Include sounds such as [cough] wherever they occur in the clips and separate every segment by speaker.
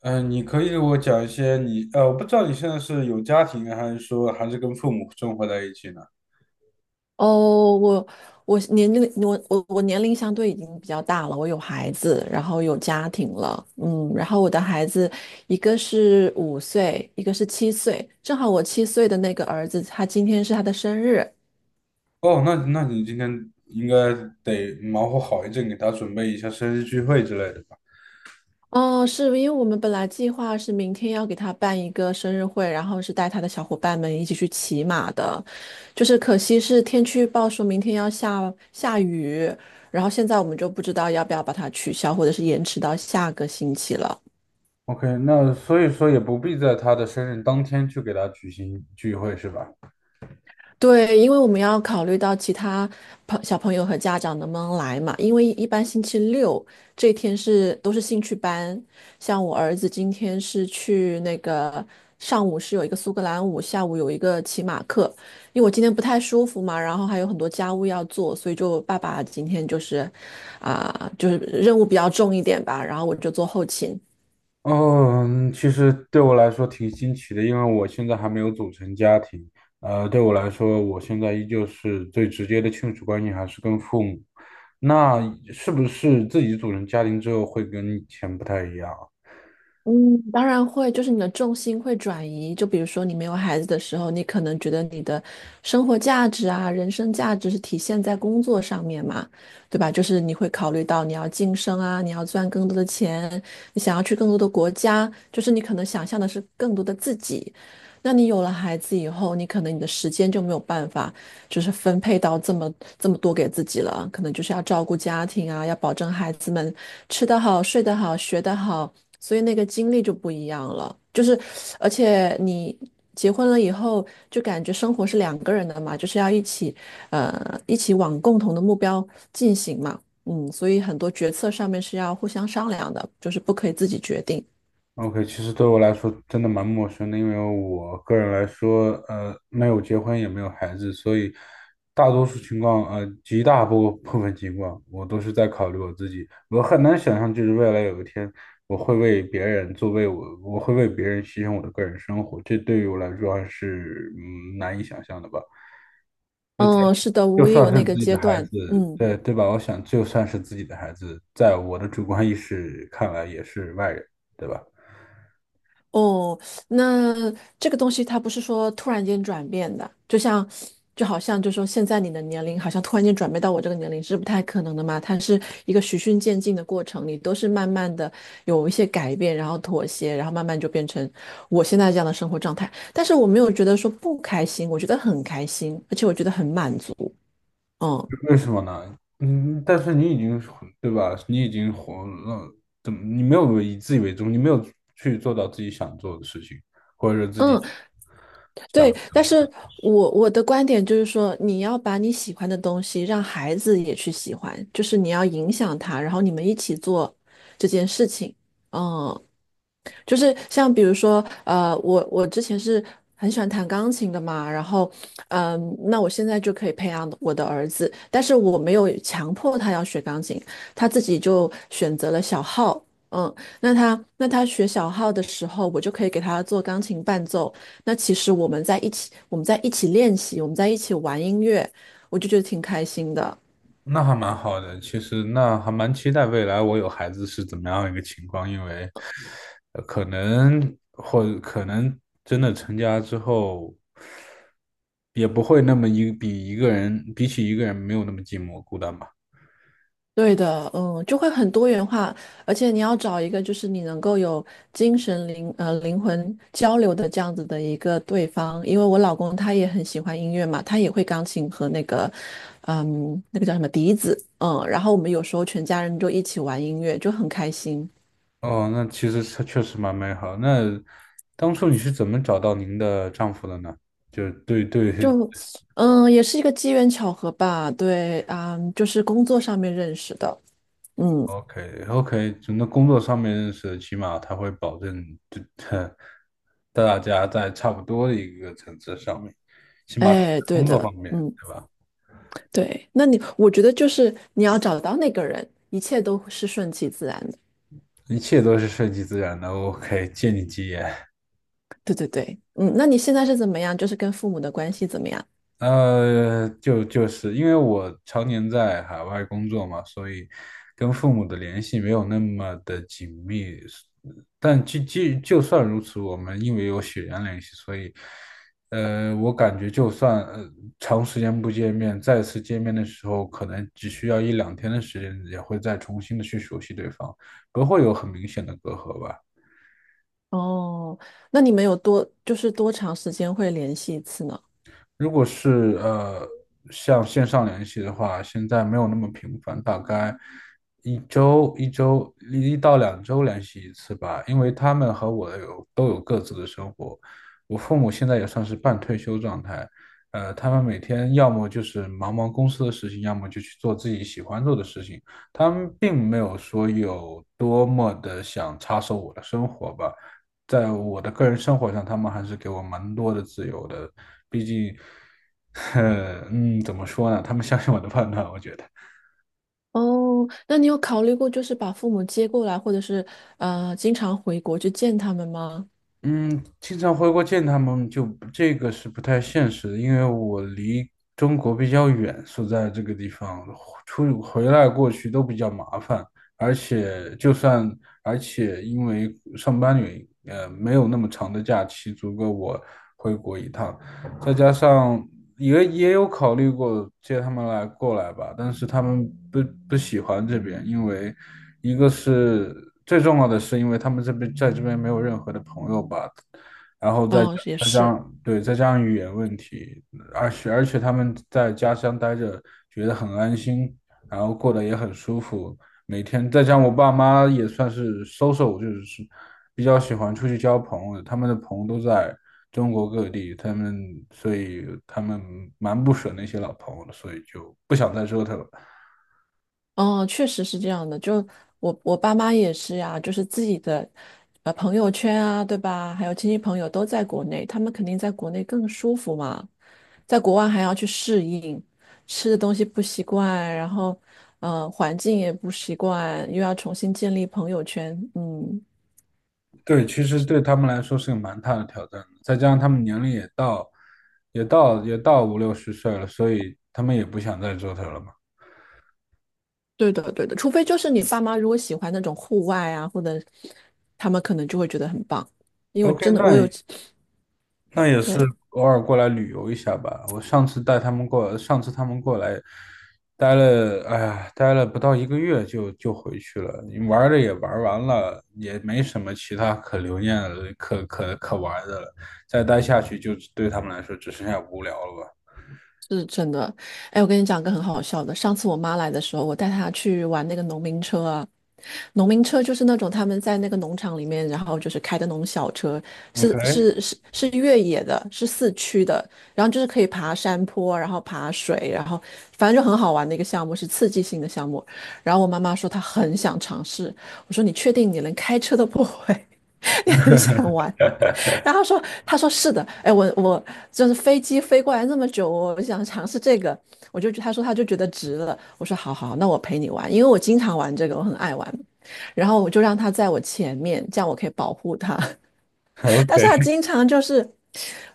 Speaker 1: 嗯，你可以给我讲一些你，我不知道你现在是有家庭，还是跟父母生活在一起呢？
Speaker 2: 哦，我年龄相对已经比较大了，我有孩子，然后有家庭了，然后我的孩子一个是5岁，一个是七岁。正好我七岁的那个儿子，他今天是他的生日。
Speaker 1: 哦，那你今天应该得忙活好一阵，给他准备一下生日聚会之类的吧
Speaker 2: 哦，是因为我们本来计划是明天要给他办一个生日会，然后是带他的小伙伴们一起去骑马的。就是可惜是天气预报说明天要下雨，然后现在我们就不知道要不要把它取消，或者是延迟到下个星期了。
Speaker 1: ？OK，那所以说也不必在他的生日当天去给他举行聚会，是吧？
Speaker 2: 对，因为我们要考虑到其他小朋友和家长能不能来嘛。因为一般星期六这天都是兴趣班。像我儿子今天是去上午是有一个苏格兰舞，下午有一个骑马课。因为我今天不太舒服嘛，然后还有很多家务要做，所以就爸爸今天就是任务比较重一点吧，然后我就做后勤。
Speaker 1: 哦，嗯，其实对我来说挺新奇的，因为我现在还没有组成家庭。对我来说，我现在依旧是最直接的亲属关系还是跟父母。那是不是自己组成家庭之后会跟以前不太一样啊？
Speaker 2: 嗯，当然会，就是你的重心会转移。就比如说，你没有孩子的时候，你可能觉得你的生活价值啊、人生价值是体现在工作上面嘛，对吧？就是你会考虑到你要晋升啊，你要赚更多的钱，你想要去更多的国家，就是你可能想象的是更多的自己。那你有了孩子以后，你可能你的时间就没有办法，就是分配到这么多给自己了，可能就是要照顾家庭啊，要保证孩子们吃得好、睡得好、学得好，所以那个精力就不一样了。就是，而且你结婚了以后，就感觉生活是两个人的嘛，就是要一起，一起往共同的目标进行嘛。嗯，所以很多决策上面是要互相商量的，就是不可以自己决定。
Speaker 1: OK，其实对我来说真的蛮陌生的，因为我个人来说，没有结婚也没有孩子，所以大多数情况，极大部分情况，我都是在考虑我自己。我很难想象，就是未来有一天，我会为别人做，我会为别人牺牲我的个人生活，这对于我来说还是难以想象的吧。
Speaker 2: 嗯，是的，
Speaker 1: 就
Speaker 2: 我也有
Speaker 1: 算是
Speaker 2: 那
Speaker 1: 自
Speaker 2: 个
Speaker 1: 己
Speaker 2: 阶
Speaker 1: 的孩
Speaker 2: 段。
Speaker 1: 子，
Speaker 2: 嗯。
Speaker 1: 对吧？我想，就算是自己的孩子，在我的主观意识看来也是外人，对吧？
Speaker 2: 哦，那这个东西它不是说突然间转变的，就好像现在你的年龄好像突然间转变到我这个年龄是不太可能的嘛。它是一个循序渐进的过程，你都是慢慢的有一些改变，然后妥协，然后慢慢就变成我现在这样的生活状态。但是我没有觉得说不开心，我觉得很开心，而且我觉得很满足。
Speaker 1: 为什么呢？嗯，但是你已经活，对吧？你已经活了，怎么你没有去做到自己想做的事情，或者是自己
Speaker 2: 嗯。
Speaker 1: 想，
Speaker 2: 对，但是我的观点就是说，你要把你喜欢的东西让孩子也去喜欢，就是你要影响他，然后你们一起做这件事情。嗯，就是像比如说，我之前是很喜欢弹钢琴的嘛。然后，那我现在就可以培养我的儿子，但是我没有强迫他要学钢琴，他自己就选择了小号。嗯，那他学小号的时候，我就可以给他做钢琴伴奏。那其实我们在一起，我们在一起练习，我们在一起玩音乐，我就觉得挺开心的。
Speaker 1: 那还蛮好的。其实那还蛮期待未来我有孩子是怎么样一个情况，因为可能真的成家之后，也不会那么一比一个人比起一个人没有那么寂寞孤单吧。
Speaker 2: 对的，嗯，就会很多元化。而且你要找一个就是你能够有精神灵呃灵魂交流的这样子的一个对方，因为我老公他也很喜欢音乐嘛，他也会钢琴和那个叫什么笛子。嗯，然后我们有时候全家人就一起玩音乐，就很开心，
Speaker 1: 哦，那其实它确实蛮美好。那当初你是怎么找到您的丈夫的呢？就对对
Speaker 2: 就
Speaker 1: [laughs]
Speaker 2: 也是一个机缘巧合吧。对啊，就是工作上面认识的。嗯，
Speaker 1: ，OK OK，从那工作上面认识，起码他会保证这 [laughs] 大家在差不多的一个层次上面，起码是
Speaker 2: 哎，对
Speaker 1: 工作
Speaker 2: 的，
Speaker 1: 方面，
Speaker 2: 嗯。
Speaker 1: 对吧？
Speaker 2: 对，我觉得就是你要找到那个人，一切都是顺其自然的。
Speaker 1: 一切都是顺其自然的。OK，借你吉言。
Speaker 2: 对对对，嗯，那你现在是怎么样？就是跟父母的关系怎么样？
Speaker 1: 就是因为我常年在海外工作嘛，所以跟父母的联系没有那么的紧密。但就算如此，我们因为有血缘联系，所以，我感觉就算长时间不见面，再次见面的时候，可能只需要一两天的时间，也会再重新的去熟悉对方，不会有很明显的隔阂吧。
Speaker 2: 哦，那你们有多就是多长时间会联系一次呢？
Speaker 1: 如果是像线上联系的话，现在没有那么频繁，大概1到2周联系一次吧。因为他们和我都有各自的生活，我父母现在也算是半退休状态，他们每天要么就是忙忙公司的事情，要么就去做自己喜欢做的事情。他们并没有说有多么的想插手我的生活吧。在我的个人生活上，他们还是给我蛮多的自由的。毕竟 [laughs] 怎么说呢？他们相信我的判断，我觉得，
Speaker 2: 哦，那你有考虑过就是把父母接过来，或者是经常回国去见他们吗？
Speaker 1: 嗯，经常回国见他们就这个是不太现实的，因为我离中国比较远，所在这个地方出回来过去都比较麻烦，而且因为上班原因，没有那么长的假期足够我回国一趟，再加上也有考虑过接他们来过来吧，但是他们不喜欢这边，因为一个是最重要的是，因为他们在这边没有任何的朋友吧，然后再加
Speaker 2: 哦，也
Speaker 1: 再加
Speaker 2: 是。
Speaker 1: 上对再加上语言问题，而且他们在家乡待着觉得很安心，然后过得也很舒服，每天再加上我爸妈也算是 social，就是比较喜欢出去交朋友，他们的朋友都在中国各地，所以他们蛮不舍那些老朋友的，所以就不想再折腾了。
Speaker 2: 嗯，确实是这样的。就我爸妈也是呀，就是自己的朋友圈啊，对吧？还有亲戚朋友都在国内，他们肯定在国内更舒服嘛，在国外还要去适应，吃的东西不习惯，然后环境也不习惯，又要重新建立朋友圈。嗯，
Speaker 1: 对，其实对他们来说是个蛮大的挑战的，再加上他们年龄也到，也到五六十岁了，所以他们也不想再折腾了嘛。
Speaker 2: 对的对的，除非就是你爸妈如果喜欢那种户外啊，或者他们可能就会觉得很棒，因为我
Speaker 1: OK，
Speaker 2: 真的我
Speaker 1: 那
Speaker 2: 有 [sucks teeth]，[sniffs]
Speaker 1: 那也
Speaker 2: 对。
Speaker 1: 是偶尔过来旅游一下吧。我上次带他们过，上次他们过来待了，哎呀，待了不到一个月就回去了。你玩儿的也玩儿完了，也没什么其他可留念的、可玩儿的了。再待下去就对他们来说只剩下无聊了吧。
Speaker 2: 是真的。哎，我跟你讲个很好笑的。上次我妈来的时候，我带她去玩那个农民车啊。农民车就是那种他们在那个农场里面，然后就是开的那种小车，是
Speaker 1: OK，OK，
Speaker 2: 是是是越野的，是四驱的，然后就是可以爬山坡，然后爬水，然后反正就很好玩的一个项目，是刺激性的项目。然后我妈妈说她很想尝试，我说你确定你连开车都不会，[laughs] 你很想玩？然后说，他说是的。哎，我就是飞机飞过来那么久，我想尝试这个，他说他就觉得值了。我说好好，那我陪你玩，因为我经常玩这个，我很爱玩。然后我就让他在我前面，这样我可以保护他。[laughs] 但是他经常就是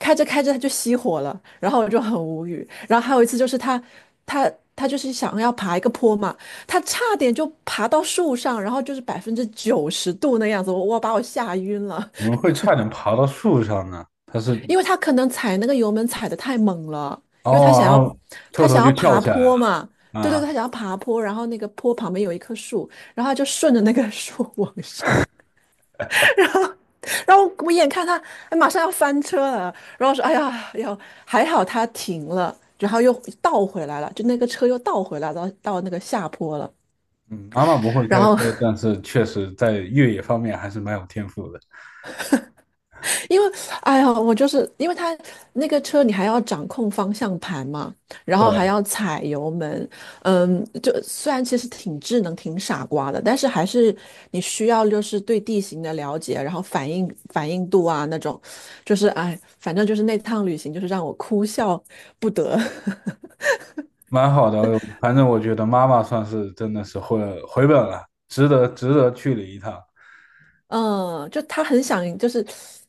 Speaker 2: 开着开着他就熄火了，然后我就很无语。然后还有一次就是他就是想要爬一个坡嘛，他差点就爬到树上，然后就是90%度那样子，我把我吓晕了。
Speaker 1: 怎么 [laughs] 会差点爬到树上呢。
Speaker 2: 因为他可能踩那个油门踩得太猛了，因为他
Speaker 1: 哦，
Speaker 2: 想
Speaker 1: 然
Speaker 2: 要
Speaker 1: 后特
Speaker 2: 他
Speaker 1: 头
Speaker 2: 想要
Speaker 1: 就跳
Speaker 2: 爬
Speaker 1: 起来了
Speaker 2: 坡嘛，对对
Speaker 1: 啊。
Speaker 2: 对，他想要爬坡，然后那个坡旁边有一棵树，然后他就顺着那个树 [laughs] 往上。然后然后我眼看他哎马上要翻车了，然后说哎呀要还好他停了。然后又倒回来了，就那个车又倒回来到那个下坡了。
Speaker 1: 嗯，妈妈不会
Speaker 2: 然
Speaker 1: 开车，
Speaker 2: 后
Speaker 1: 但是确实在越野方面还是蛮有天赋的。
Speaker 2: 因为，哎呀，我就是因为他那个车，你还要掌控方向盘嘛，然后还
Speaker 1: 对，
Speaker 2: 要踩油门，就虽然其实挺智能、挺傻瓜的，但是还是你需要就是对地形的了解，然后反应度啊那种。就是哎，反正就是那趟旅行就是让我哭笑不得。[laughs]
Speaker 1: 蛮好的。反正我觉得妈妈算是真的是回本了，值得值得去了一趟。
Speaker 2: 嗯，就他很想就是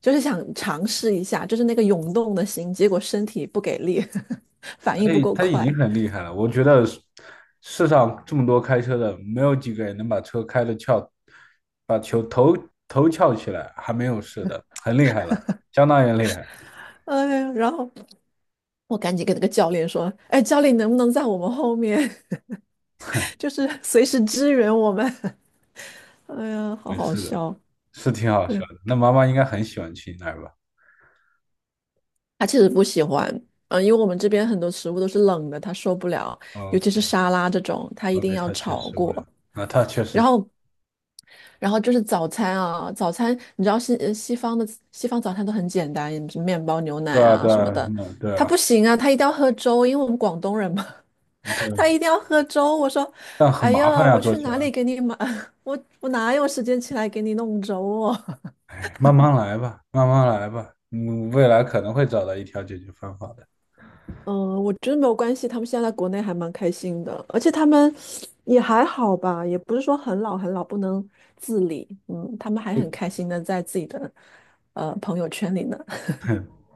Speaker 2: 就是想尝试一下，就是那个涌动的心，结果身体不给力，[laughs] 反应不
Speaker 1: 哎，
Speaker 2: 够
Speaker 1: 她已经
Speaker 2: 快。
Speaker 1: 很厉害了。我觉得世上这么多开车的，没有几个人能把车开的翘，把球头翘起来，还没有事的，很厉害了，相当于厉害。
Speaker 2: 哎呀，然后我赶紧跟那个教练说：“哎，教练能不能在我们后面，[laughs] 就是随时支援我们？” [laughs] 哎呀，好
Speaker 1: 没
Speaker 2: 好
Speaker 1: 事的，
Speaker 2: 笑。
Speaker 1: 是挺好笑
Speaker 2: 对，
Speaker 1: 的。那妈妈应该很喜欢去那儿吧
Speaker 2: 他其实不喜欢，因为我们这边很多食物都是冷的，他受不了，尤其是
Speaker 1: ？OK
Speaker 2: 沙拉这种，他一定
Speaker 1: OK，
Speaker 2: 要
Speaker 1: 她确
Speaker 2: 炒
Speaker 1: 实无聊。
Speaker 2: 过。
Speaker 1: 啊，她确
Speaker 2: 然
Speaker 1: 实。
Speaker 2: 后，然后就是早餐啊，早餐你知道西方早餐都很简单，面包、牛奶
Speaker 1: 对啊，
Speaker 2: 啊
Speaker 1: 对
Speaker 2: 什么
Speaker 1: 啊，
Speaker 2: 的。
Speaker 1: 嗯，对
Speaker 2: 他
Speaker 1: 啊，
Speaker 2: 不行啊，他一定要喝粥，因为我们广东人嘛，[laughs]
Speaker 1: 对，
Speaker 2: 他一定要喝粥。我说，
Speaker 1: 但很
Speaker 2: 哎
Speaker 1: 麻
Speaker 2: 呀，
Speaker 1: 烦呀，
Speaker 2: 我
Speaker 1: 做
Speaker 2: 去
Speaker 1: 起
Speaker 2: 哪
Speaker 1: 来。
Speaker 2: 里给你买？[laughs] 我哪有时间起来给你弄粥哦。
Speaker 1: 哎，慢慢来吧，慢慢来吧，未来可能会找到一条解决方法的。
Speaker 2: 嗯，我觉得没有关系，他们现在在国内还蛮开心的，而且他们也还好吧，也不是说很老很老不能自理。嗯，他们还很开心的在自己的朋友圈里呢。[laughs]
Speaker 1: [laughs]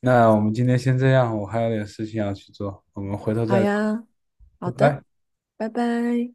Speaker 1: 那我们今天先这样，我还有点事情要去做，我们回头
Speaker 2: 好
Speaker 1: 再聊，
Speaker 2: 呀，好
Speaker 1: 拜
Speaker 2: 的，
Speaker 1: 拜。
Speaker 2: 拜拜。